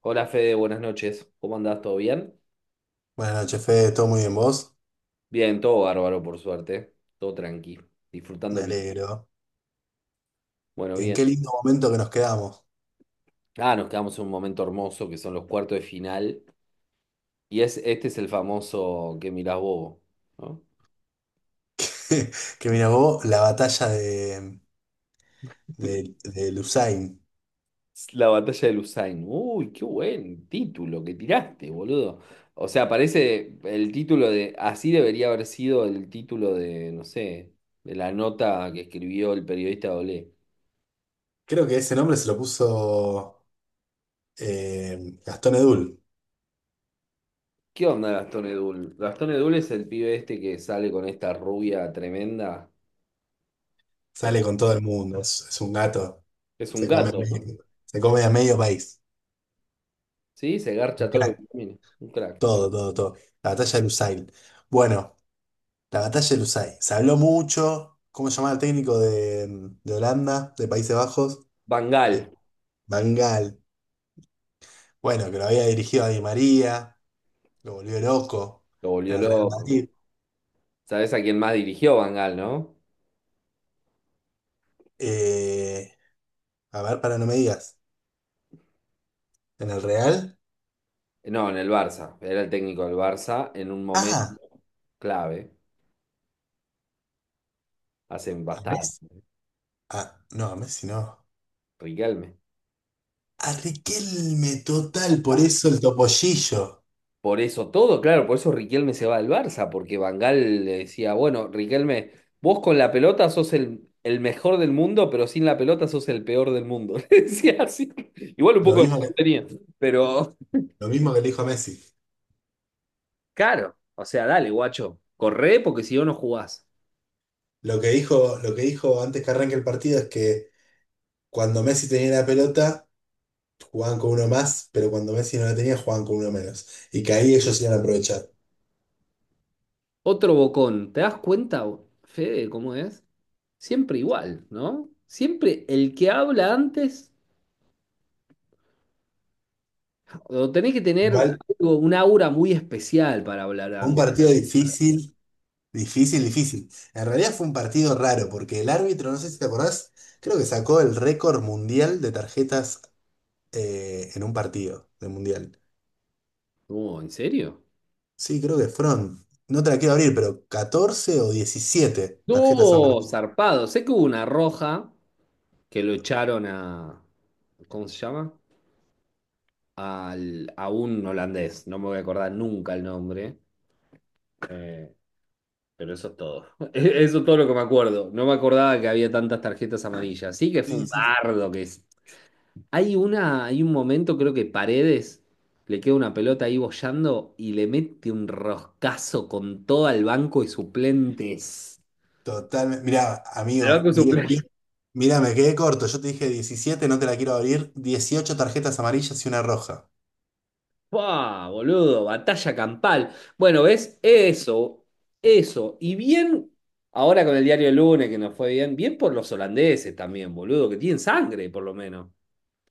Hola Fede, buenas noches. ¿Cómo andás? ¿Todo bien? Buenas noches, Fede, ¿todo muy bien vos? Bien, todo bárbaro, por suerte. Todo tranqui, disfrutando Me el bien. alegro. Bueno, En bien. qué lindo momento que nos quedamos. Ah, nos quedamos en un momento hermoso que son los cuartos de final. Y es, este es el famoso que mirás vos, ¿no? Que mira vos, la batalla de, de Lusain. Es la batalla de Lusain. Uy, qué buen título que tiraste, boludo. O sea, parece el título de. Así debería haber sido el título de, no sé, de la nota que escribió el periodista Olé. Creo que ese nombre se lo puso Gastón Edul. ¿Qué onda Gastón Edul? Gastón Edul es el pibe este que sale con esta rubia tremenda. Pues Sale con todo el mundo, es un gato. es un Se come a gato, ¿no? medio, se come a medio país. Sí, se Un garcha todo lo crack. que camina. Un crack. Todo, Bueno, todo, todo. La batalla de Lusain. Bueno, la batalla de Lusain. Se habló mucho. ¿Cómo se llamaba el técnico de Holanda, de Países Bajos? Van Gaal Eh, Van Gaal. Bueno, que lo había dirigido a Di María, lo volvió loco lo en volvió el Real loco. Madrid. ¿Sabés a quién más dirigió Van Gaal, no? Eh, a ver, para no me digas. ¿En el Real? No, en el Barça. Era el técnico del Barça en un momento Ah, clave. Hace a Messi. bastante. Ah, no, a Messi no. Riquelme. A Riquelme, total, por eso el topollillo. Por eso todo, claro, por eso Riquelme se va al Barça, porque Van Gaal le decía, bueno, Riquelme, vos con la pelota sos el mejor del mundo, pero sin la pelota sos el peor del mundo. Le decía así. Igual un Lo poco lo mismo que, tenía, pero lo mismo que le dijo a Messi. claro, o sea, dale, guacho, corre porque si no, no jugás. Lo que dijo antes que arranque el partido es que cuando Messi tenía la pelota, jugaban con uno más, pero cuando Messi no la tenía, jugaban con uno menos. Y que ahí ellos iban a aprovechar. Otro bocón, ¿te das cuenta, Fede, cómo es? Siempre igual, ¿no? Siempre el que habla antes, o tenés que tener Igual, algo, un aura muy especial para hablar un antes. partido difícil. Difícil, difícil. En realidad fue un partido raro porque el árbitro, no sé si te acordás, creo que sacó el récord mundial de tarjetas en un partido de mundial. Oh, ¿en serio? Sí, creo que fueron, no te la quiero abrir, pero 14 o 17 tarjetas No, amarillas. zarpado. Sé que hubo una roja que lo echaron a, ¿cómo se llama? A un holandés. No me voy a acordar nunca el nombre. eh, pero eso es todo. Eso es todo lo que me acuerdo. No me acordaba que había tantas tarjetas amarillas. Sí que fue Sí, un sí, bardo que es. Hay un momento, creo que Paredes le queda una pelota ahí boyando y le mete un roscazo con todo al banco de suplentes. totalmente. Mirá, Al amigo, banco de diez, suplentes. mirá, me quedé corto. Yo te dije diecisiete, no te la quiero abrir. Dieciocho tarjetas amarillas y una roja. ¡Buah, boludo! Batalla campal. Bueno, ¿ves? Eso, eso. Y bien, ahora con el diario El Lunes que nos fue bien, bien por los holandeses también, boludo, que tienen sangre, por lo menos.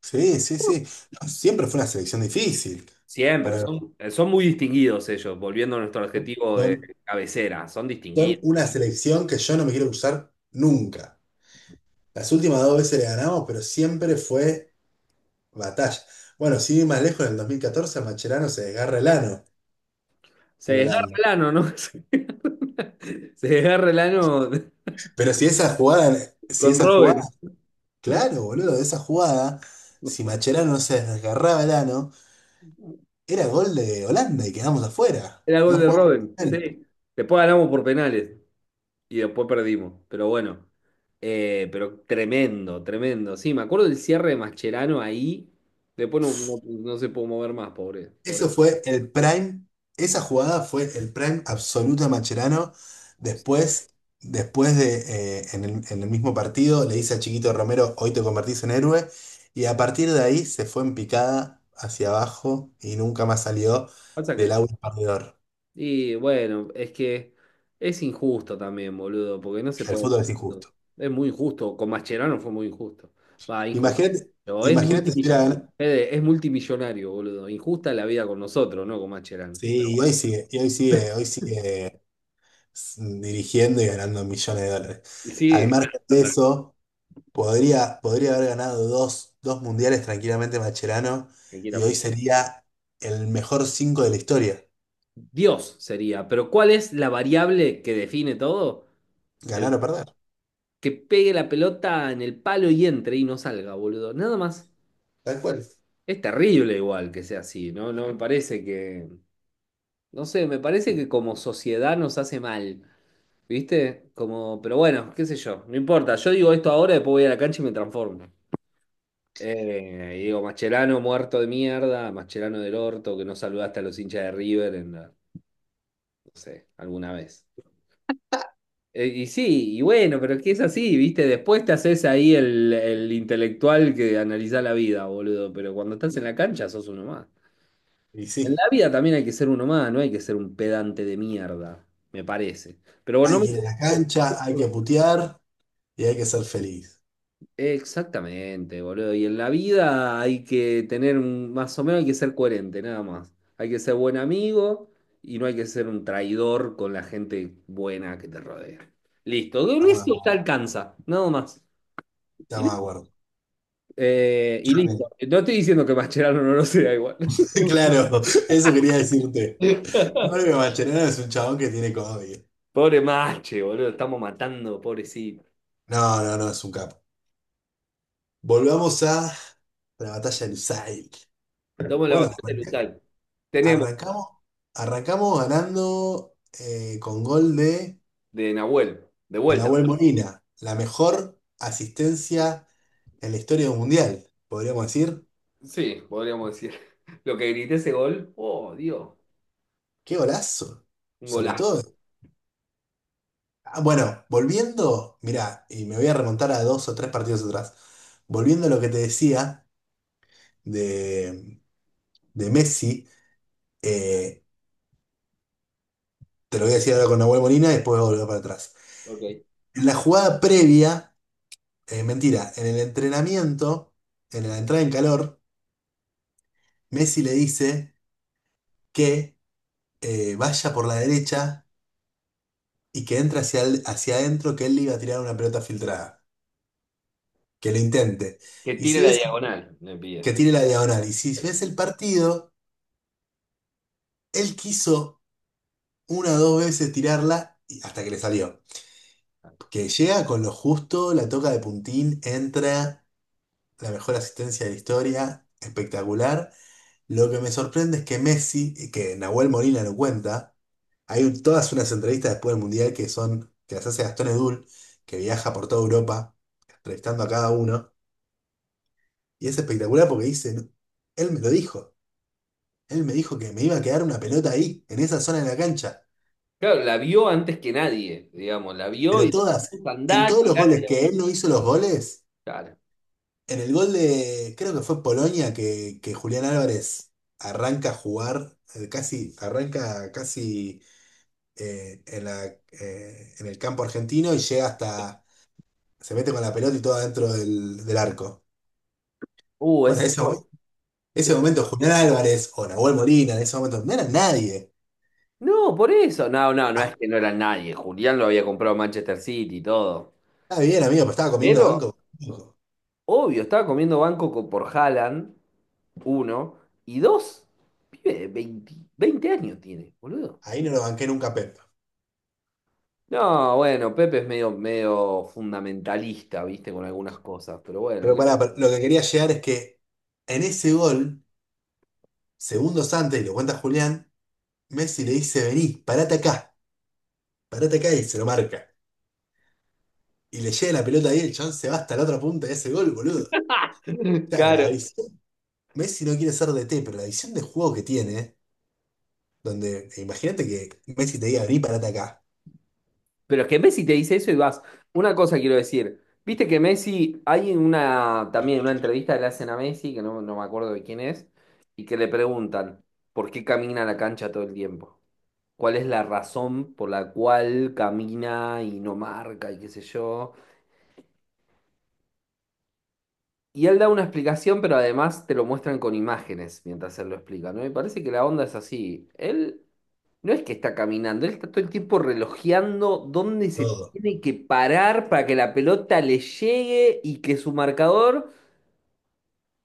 Sí, sí, sí. No, siempre fue una selección difícil. Siempre, Para... son, son muy distinguidos ellos, volviendo a nuestro adjetivo de cabecera, son son distinguidos. una selección que yo no me quiero usar nunca. Las últimas dos veces le ganamos, pero siempre fue batalla. Bueno, si ir más lejos, en el 2014 Macherano se desgarra el ano Se con desgarra Holanda. el ano, ¿no? Se desgarra el ano Pero si esa jugada, si con esa jugada, Robin. claro, boludo, esa jugada, si Macherano no se desgarraba el ano, era gol de Holanda y quedamos afuera. Era No gol de jugamos. Robin, sí. Después ganamos por penales, y después perdimos. Pero bueno, pero tremendo, tremendo. Sí, me acuerdo del cierre de Mascherano ahí. Después no se pudo mover más, pobre, Eso pobre. fue el prime, esa jugada fue el prime absoluto de Mascherano. Después, en el mismo partido, le dice a Chiquito Romero, hoy te convertís en héroe. Y a partir de ahí se fue en picada hacia abajo y nunca más salió Pasa del que, agua perdedor. y bueno, es que es injusto también, boludo, porque no se El puede. fútbol es injusto. Es muy injusto. Con Mascherano fue muy injusto. Va, injusto. Imagínate, Pero es imagínate si hubiera multimill- ganado. Fede, es multimillonario, boludo. Injusta la vida con nosotros, ¿no? Con Mascherano. Sí, y hoy sigue, dirigiendo y ganando millones de dólares. Y sí, Al margen de eso. Podría, podría haber ganado dos, dos mundiales tranquilamente Macherano y hoy tranquilamente. sería el mejor cinco de la historia. Dios sería, pero ¿cuál es la variable que define todo? Ganar El o perder, que pegue la pelota en el palo y entre y no salga, boludo. Nada más. tal cual. Es terrible igual que sea así, ¿no? No me parece que, no sé, me parece que como sociedad nos hace mal, ¿viste? Como, pero bueno, qué sé yo, no importa. Yo digo esto ahora, después voy a la cancha y me transformo. Y digo, Mascherano muerto de mierda, Mascherano del orto, que no saludaste a los hinchas de River en la- no sé, alguna vez. Y sí, y bueno, pero es que es así, ¿viste? Después te haces ahí el intelectual que analiza la vida, boludo, pero cuando estás en la cancha sos uno más. Y En sí, la vida también hay que ser uno más, no hay que ser un pedante de mierda, me parece. Pero bueno, hay no que ir a la cancha, hay me... que putear y hay que ser feliz. Exactamente, boludo. Y en la vida hay que tener, más o menos hay que ser coherente, nada más. Hay que ser buen amigo y no hay que ser un traidor con la gente buena que te rodea. Listo, con eso te Estamos, alcanza, nada más. Y estamos de acuerdo. y Escuchame. listo. No estoy diciendo que Mascherano no lo sea igual. Claro, eso quería decirte. Yo creo que Mascherano es un chabón que tiene comedia. Pobre Mache, boludo, estamos matando, pobrecito. No, no, no, es un capo. Volvamos a la batalla del Lusail. Estamos en la Bueno, batalla de arranca- Luzal. Tenemos Arrancamos, arrancamos ganando con gol de Nahuel, de de vuelta. Nahuel Molina, la mejor asistencia en la historia del Mundial, podríamos decir. Sí, podríamos decir. Lo que grité ese gol, oh, Dios, ¡Qué golazo! un Sobre golazo. todo. Ah, bueno, volviendo, mira y me voy a remontar a dos o tres partidos atrás. Volviendo a lo que te decía de, de Messi, eh, te lo voy a decir ahora con Nahuel Molina y después voy a volver para atrás. Ok. En la jugada previa, mentira, en el entrenamiento, en la entrada en calor, Messi le dice que vaya por la derecha y que entre hacia, hacia adentro que él le iba a tirar una pelota filtrada. Que lo intente. Que Y tire si la ves diagonal, me pide. que tire la diagonal, y si ves el partido, él quiso una o dos veces tirarla hasta que le salió. Que llega con lo justo, la toca de puntín, entra, la mejor asistencia de la historia, espectacular. Lo que me sorprende es que Messi, y que Nahuel Molina lo cuenta, todas unas entrevistas después del Mundial que son, que las hace Gastón Edul, que viaja por toda Europa, entrevistando a cada uno. Y es espectacular porque dice, "No, él me lo dijo, él me dijo que me iba a quedar una pelota ahí, en esa zona de la cancha. Claro, la vio antes que nadie, digamos, la vio Pero y todas, puso a en andar, todos los tirar la goles que diagonal. él no hizo los goles, Claro. en el gol de, creo que fue Polonia, que Julián Álvarez arranca a jugar, arranca casi en la, en el campo argentino y llega hasta, se mete con la pelota y todo adentro del arco. Bueno, Ese ese, gol. mo- ese momento, Julián Álvarez o Nahuel Molina, en ese momento, no era nadie. No, por eso. No, no, no es que no era nadie. Julián lo había comprado Manchester City y todo. Está bien, amigo, pero estaba comiendo Pero, banco. obvio, estaba comiendo banco por Haaland, uno, y dos, pibe de 20, 20 años tiene, boludo. Ahí no lo banqué nunca a Pep. No, bueno, Pepe es medio, medio fundamentalista, viste, con algunas cosas, pero bueno. Pero pará, pero lo que quería llegar es que en ese gol, segundos antes, y lo cuenta Julián, Messi le dice, vení, parate acá y se lo marca. Y le llega la pelota ahí, el chabón se va hasta la otra punta de ese gol, boludo. O sea, la Claro. visión. Messi no quiere ser DT, pero la visión de juego que tiene, donde imagínate que Messi te diga, vení, parate acá. Pero es que Messi te dice eso y vas. Una cosa quiero decir. Viste que Messi, hay también una entrevista que le hacen a Messi, que no me acuerdo de quién es, y que le preguntan por qué camina a la cancha todo el tiempo. ¿Cuál es la razón por la cual camina y no marca y qué sé yo? Y él da una explicación, pero además te lo muestran con imágenes mientras él lo explica, ¿no? Me parece que la onda es así. Él no es que está caminando, él está todo el tiempo relojeando dónde se Todo. tiene que parar para que la pelota le llegue y que su marcador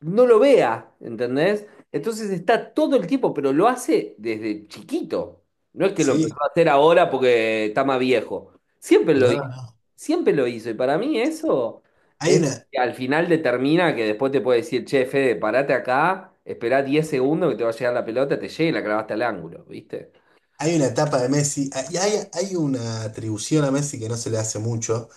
no lo vea, ¿entendés? Entonces está todo el tiempo, pero lo hace desde chiquito. No es que lo empezó ¿Sí? a hacer ahora porque está más viejo. Siempre lo No, hizo, no. siempre lo hizo. Y para mí eso es Hay lo una, que al final determina que después te puede decir, che, Fede, parate acá, esperá 10 segundos que te va a llegar la pelota, te llega y la clavaste al ángulo, ¿viste? hay una etapa de Messi, y hay una atribución a Messi que no se le hace mucho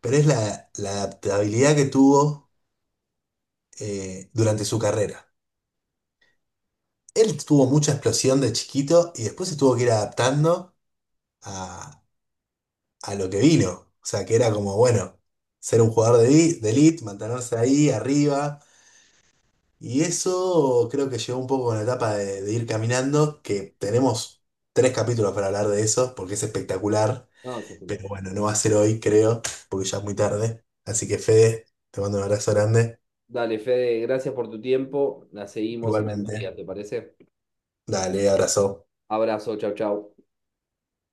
pero es la adaptabilidad que tuvo durante su carrera. Él tuvo mucha explosión de chiquito y después se tuvo que ir adaptando a, a lo que vino. O sea, que era como, bueno, ser un jugador de, de elite, mantenerse ahí arriba. Y eso creo que llegó un poco con la etapa de ir caminando, que tenemos tres capítulos para hablar de eso, porque es espectacular. No, es Pero bueno, no va a ser hoy, creo, porque ya es muy tarde. Así que Fede, te mando un abrazo grande. Dale, Fede, gracias por tu tiempo. La seguimos en el día, Igualmente. ¿te parece? Dale, abrazo. Abrazo, chau, chau.